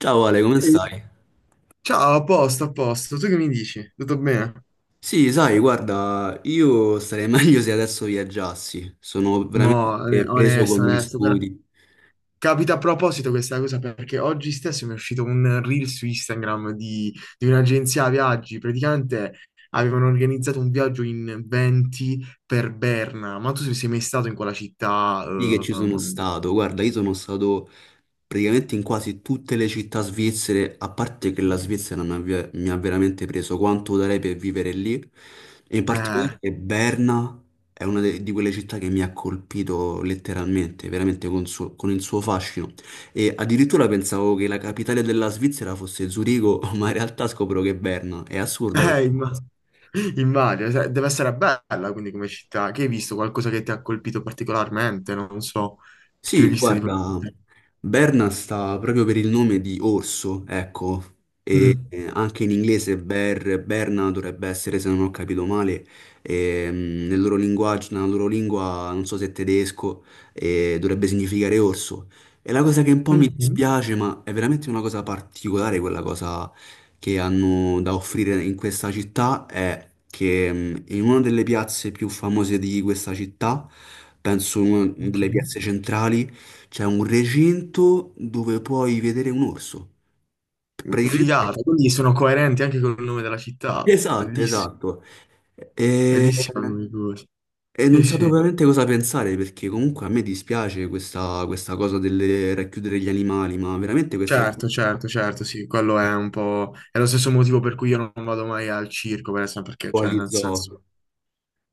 Ciao Ale, come Eh, stai? Ciao, a posto, a posto. Tu che mi dici? Tutto bene? Sì, sai, guarda, io starei meglio se adesso viaggiassi. Sono Mo, veramente preso con onesto, gli onesto, guarda, studi. capita a proposito questa cosa perché oggi stesso mi è uscito un reel su Instagram di un'agenzia viaggi. Praticamente avevano organizzato un viaggio in 20 per Berna. Ma tu sei mai stato in quella città? Sì che ci sono stato, guarda, io sono stato praticamente in quasi tutte le città svizzere, a parte che la Svizzera mi ha veramente preso quanto darei per vivere lì, e in particolare eh, che Berna è di quelle città che mi ha colpito letteralmente, veramente con il suo fascino. E addirittura pensavo che la capitale della Svizzera fosse Zurigo, ma in realtà scopro che è Berna, è assurda questa. eh, imma- Immagino. Cioè, deve essere bella quindi come città. Che hai visto? Qualcosa che ti ha colpito particolarmente? Non so. Che hai Sì, visto di quella guarda, città? Berna sta proprio per il nome di orso, ecco, e Mm. Anche in inglese Berna dovrebbe essere, se non ho capito male, nel loro linguaggio, nella loro lingua, non so se è tedesco, dovrebbe significare orso. E la cosa che un po' mi Mhm. dispiace, ma è veramente una cosa particolare quella cosa che hanno da offrire in questa città è che in una delle piazze più famose di questa città, penso in una Ok. delle piazze centrali, c'è un recinto dove puoi vedere un orso. Praticamente, Figata, quindi sono coerenti anche con il nome della città. esatto, Bellissimo, esatto. E, bellissima come cosa. e Sì, non sapevo sì. veramente cosa pensare perché comunque a me dispiace questa cosa del racchiudere gli animali, ma veramente questa cosa Certo, certo, certo, sì, quello un è un po'... È lo stesso motivo per cui io non vado mai al circo, per esempio, perché, po' cioè, agli nel senso... zoo.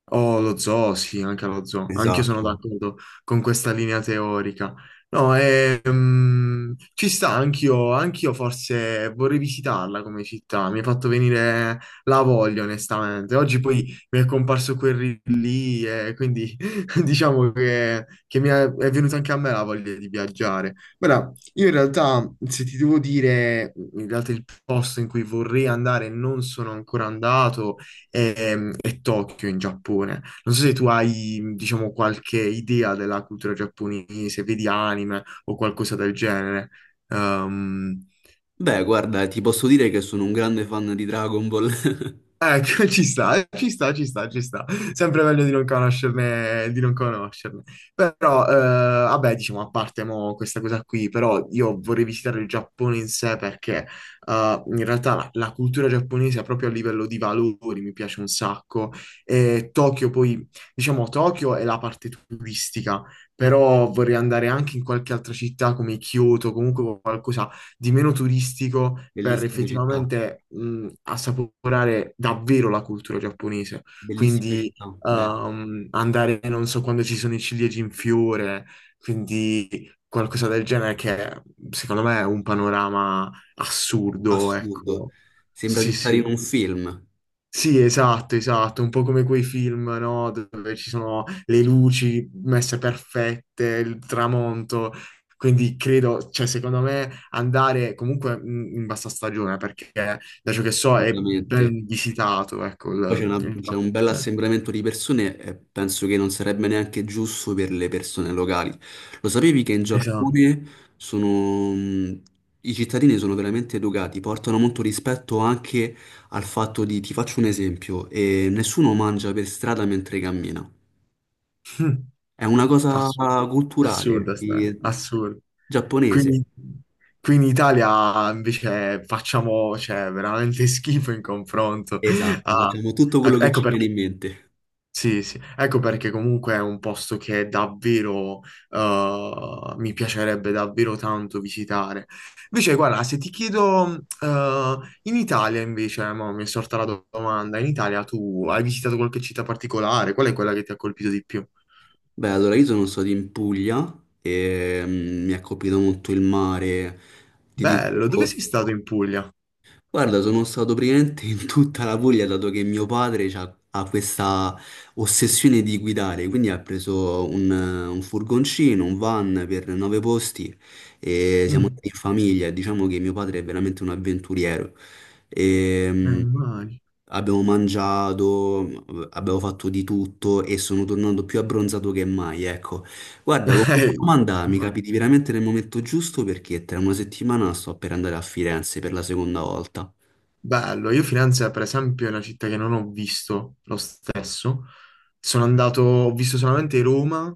Oh, lo zoo, sì, anche lo zoo. Anch'io sono Esatto. d'accordo con questa linea teorica. No, e, ci sta, anch'io forse vorrei visitarla come città. Mi ha fatto venire la voglia, onestamente. Oggi poi mi è comparso quel reel lì e quindi diciamo che mi è venuta anche a me la voglia di viaggiare. Ora, io in realtà, se ti devo dire, in realtà il posto in cui vorrei andare e non sono ancora andato e Tokyo in Giappone. Non so se tu hai, diciamo, qualche idea della cultura giapponese, vedi anime o qualcosa del genere. Ehm, Beh, guarda, ti posso dire che sono un grande fan di Dragon Ball. Eh, ci sta, ci sta, ci sta, ci sta. Sempre meglio di non conoscerne, di non conoscerne. Però, vabbè, diciamo, a parte mo questa cosa qui, però io vorrei visitare il Giappone in sé perché in realtà la cultura giapponese proprio a livello di valori mi piace un sacco. E Tokyo poi, diciamo, Tokyo è la parte turistica, però vorrei andare anche in qualche altra città come Kyoto, comunque qualcosa di meno turistico per Bellissime città, effettivamente assaporare davvero la cultura giapponese. bellissime Quindi città. Beh, andare, non so, quando ci sono i ciliegi in fiore, quindi qualcosa del genere che secondo me è un panorama assurdo, assurdo. ecco. Sembra di Sì, stare in un sì. film, Sì, esatto, esatto, un po' come quei film, no? Dove ci sono le luci messe perfette, il tramonto. Quindi credo, cioè, secondo me andare comunque in bassa stagione, perché da ciò che so è assolutamente. ben visitato, ecco, Poi il c'è un bel Giappone. assembramento di persone e penso che non sarebbe neanche giusto per le persone locali. Lo sapevi che in Esatto. Giappone sono... i cittadini sono veramente educati, portano molto rispetto anche al fatto di, ti faccio un esempio, nessuno mangia per strada mentre cammina. Mm. È una cosa Assurdo, culturale, assurdo, assurdo. giapponese. Quindi qui in Italia invece facciamo, cioè, veramente schifo in confronto. Esatto, a- facciamo tutto quello che ecco ci viene perché. in mente. Sì, sì, ecco perché comunque è un posto che davvero mi piacerebbe davvero tanto visitare. Invece, guarda, se ti chiedo in Italia invece, mo mi è sorta la domanda, in Italia tu hai visitato qualche città particolare? Qual è quella che ti ha colpito di più? Beh, allora io sono stato in Puglia e mm, mi ha colpito molto il mare. Ti Bello, dove dico, sei stato in Puglia? guarda, sono stato praticamente in tutta la Puglia, dato che mio padre ha questa ossessione di guidare, quindi ha preso un furgoncino, un van per 9 posti e siamo Mm, andati in famiglia. Diciamo che mio padre è veramente un avventuriero. Ehm, Immagino. Abbiamo mangiato, abbiamo fatto di tutto e sono tornato più abbronzato che mai, ecco. Guarda, con questa Eh, domanda mi immagino. capiti veramente nel momento giusto perché tra una settimana sto per andare a Firenze per la seconda volta. Bello, io Firenze per esempio è una città che non ho visto lo stesso. Sono andato, ho visto solamente Roma.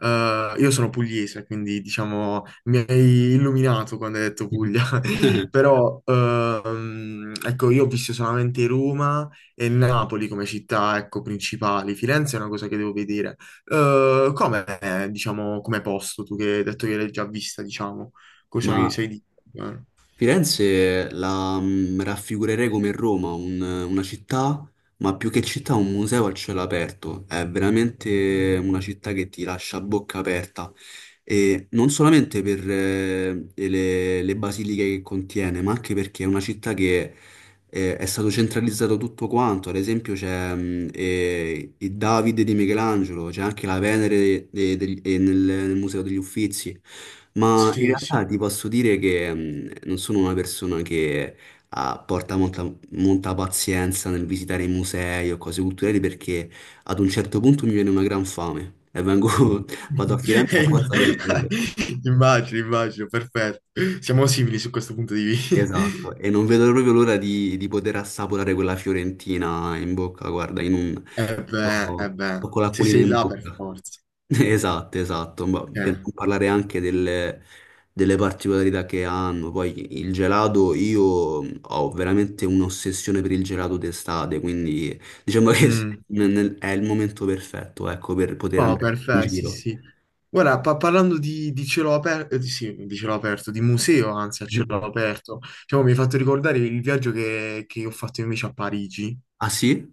Io sono pugliese, quindi diciamo mi hai illuminato quando hai detto Puglia, però ecco, io ho visto solamente Roma e Napoli come città, ecco, principali. Firenze è una cosa che devo vedere. Come, diciamo, come posto, tu che hai detto che l'hai già vista, diciamo, cosa mi Ma sai dire? Firenze la mm, raffigurerei come Roma, una città, ma più che città un museo al cielo aperto. È veramente una città che ti lascia a bocca aperta. E non solamente per le basiliche che contiene, ma anche perché è una città che è stato centralizzato tutto quanto. Ad esempio c'è il Davide di Michelangelo, c'è anche la Venere nel Museo degli Uffizi. Ma in Sì, sì. realtà ti posso dire che mm, non sono una persona che porta molta pazienza nel visitare i musei o cose culturali perché ad un certo punto mi viene una gran fame e vado a Firenze Eh, apposta per quello. imm- Immagino, immagino, perfetto. Siamo simili su questo punto di vista. Esatto, e non vedo proprio l'ora di poter assaporare quella fiorentina in bocca, guarda, in un... eh beh, sto con se l'acquolina sei in là per bocca. forza. Esatto, esatto, ma Cioè, per non parlare anche delle, delle particolarità che hanno, poi il gelato, io ho veramente un'ossessione per il gelato d'estate, quindi diciamo che mm. È il momento perfetto, ecco, per poter Oh, andare in perfetto, sì, giro. sì. Guarda, parlando di cielo aperto, sì, di cielo aperto, di museo, anzi, a cielo aperto, diciamo, mi hai fatto ricordare il viaggio che ho fatto invece a Parigi. Ah sì?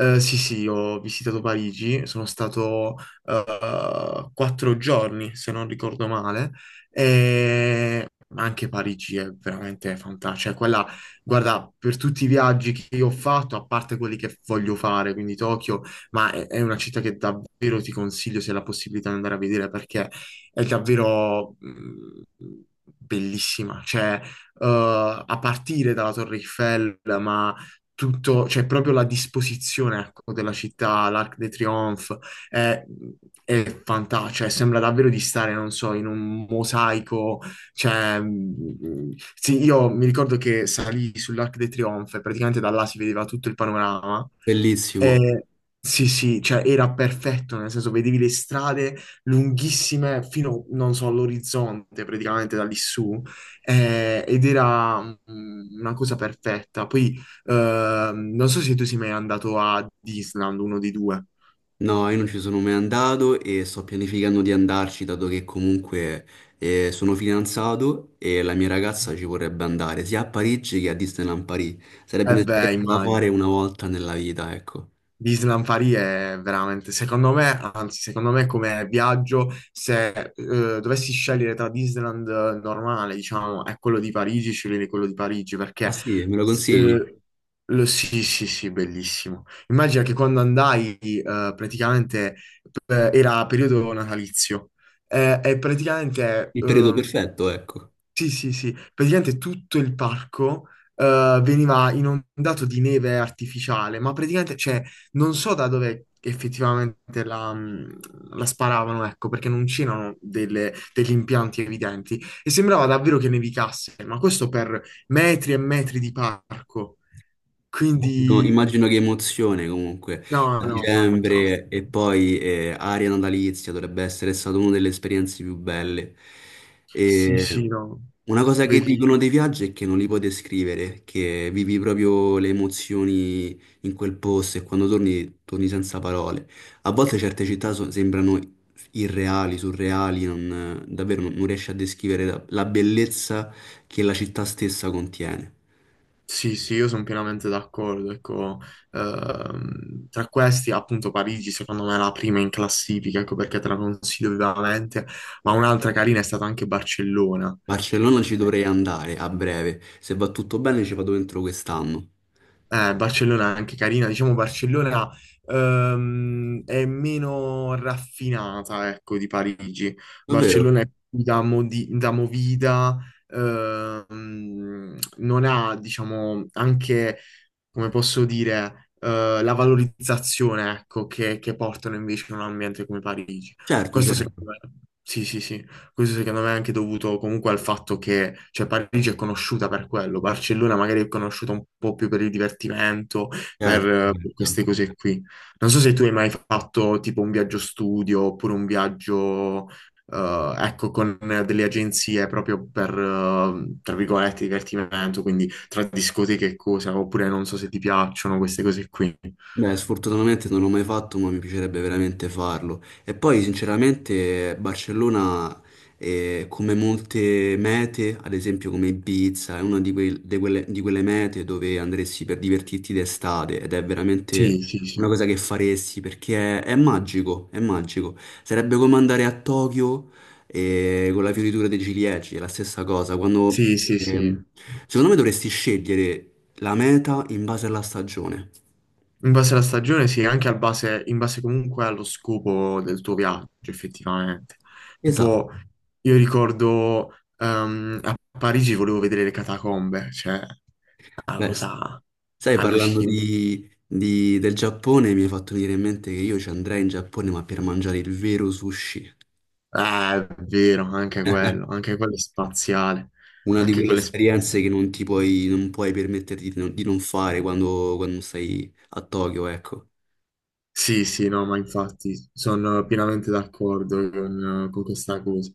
Sì, sì, ho visitato Parigi, sono stato 4 giorni, se non ricordo male, e anche Parigi è veramente fantastica. Cioè, quella, guarda, per tutti i viaggi che io ho fatto, a parte quelli che voglio fare, quindi Tokyo, ma è una città che davvero ti consiglio se hai la possibilità di andare a vedere perché è davvero bellissima. Cioè, a partire dalla Torre Eiffel, ma tutto, cioè proprio la disposizione, ecco, della città, l'Arc de Triomphe, è, è fantastica, cioè sembra davvero di stare, non so, in un mosaico, cioè, sì, io mi ricordo che salì sull'Arc de Triomphe, praticamente da là si vedeva tutto il panorama, Bellissimo. e sì, sì, cioè era perfetto, nel senso vedevi le strade lunghissime fino, non so, all'orizzonte praticamente da lì su, ed era una cosa perfetta. Poi non so se tu sei mai andato a Disneyland, uno dei due. No, io non ci sono mai andato e sto pianificando di andarci, dato che comunque sono fidanzato e la mia ragazza ci vorrebbe andare sia a Parigi che a Disneyland Paris. Sarebbe Eh beh, un'esperienza da immagino. fare una volta nella vita, ecco. Disneyland Paris è veramente, secondo me, anzi, secondo me come viaggio, se eh, dovessi scegliere tra Disneyland normale, diciamo, e quello di Parigi, sceglierei quello di Parigi Ah perché sì, me lo consigli? eh, sì, sì, sì, bellissimo. Immagina che quando andai, praticamente era periodo natalizio e praticamente Il periodo perfetto, ecco. sì, sì, sì, praticamente tutto il parco veniva inondato di neve artificiale, ma praticamente, cioè, non so da dove effettivamente la sparavano, ecco, perché non c'erano degli impianti evidenti e sembrava davvero che nevicasse, ma questo per metri e metri di parco, Immagino, quindi immagino che emozione comunque no, a no, fantastico. dicembre e poi aria natalizia dovrebbe essere stata una delle esperienze più belle. Sì, E sì, no, una cosa che dicono bellissimo. dei viaggi è che non li puoi descrivere, che vivi proprio le emozioni in quel posto e quando torni, torni senza parole. A volte certe città sembrano irreali, surreali, davvero non riesci a descrivere la la bellezza che la città stessa contiene. Sì, sì, io sono pienamente d'accordo. Ecco, tra questi, appunto, Parigi, secondo me, è la prima in classifica, ecco perché te la consiglio vivamente. Ma un'altra carina è stata anche Barcellona. Barcellona ci Eh, dovrei andare a breve. Se va tutto bene ci vado dentro quest'anno. Barcellona è anche carina, diciamo Barcellona è meno raffinata, ecco, di Parigi. Davvero? Barcellona è più da, da movida, non ha, diciamo, anche come posso dire, la valorizzazione, ecco, che portano invece in un ambiente come Parigi. Certo, Questo secondo certo, me, sì, sì, sì, questo secondo me è anche dovuto comunque al fatto che, cioè, Parigi è conosciuta per quello, Barcellona magari è conosciuta un po' più per il divertimento, certo, per certo. queste cose qui. Non so se tu hai mai fatto tipo un viaggio studio oppure un viaggio... ecco, con delle agenzie proprio per, tra virgolette, divertimento, quindi tra discoteche e cose, oppure non so se ti piacciono queste cose qui. Beh, sfortunatamente non l'ho mai fatto, ma mi piacerebbe veramente farlo. E poi, sinceramente, Barcellona, come molte mete, ad esempio come Ibiza, è una di quelle mete dove andresti per divertirti d'estate ed è veramente Sì, sì, una sì. cosa che faresti perché è magico, è magico. Sarebbe come andare a Tokyo, con la fioritura dei ciliegi, è la stessa cosa. Quando, Sì, sì, sì. ehm, secondo me dovresti scegliere la meta in base alla stagione. In base alla stagione, sì, anche al base, in base comunque allo scopo del tuo viaggio, effettivamente. Esatto. Tipo, io ricordo a Parigi volevo vedere le catacombe, cioè, una Beh, cosa sai, parlando allucinante. Del Giappone, mi hai fatto venire in mente che io ci andrei in Giappone, ma per mangiare il vero sushi. Eh, è vero, anche quello è spaziale, Una di anche quelle quello è esperienze che spaziale. Non puoi permetterti di non fare quando stai a Tokyo, ecco. Sì, sì, no, ma infatti sono pienamente d'accordo con questa cosa.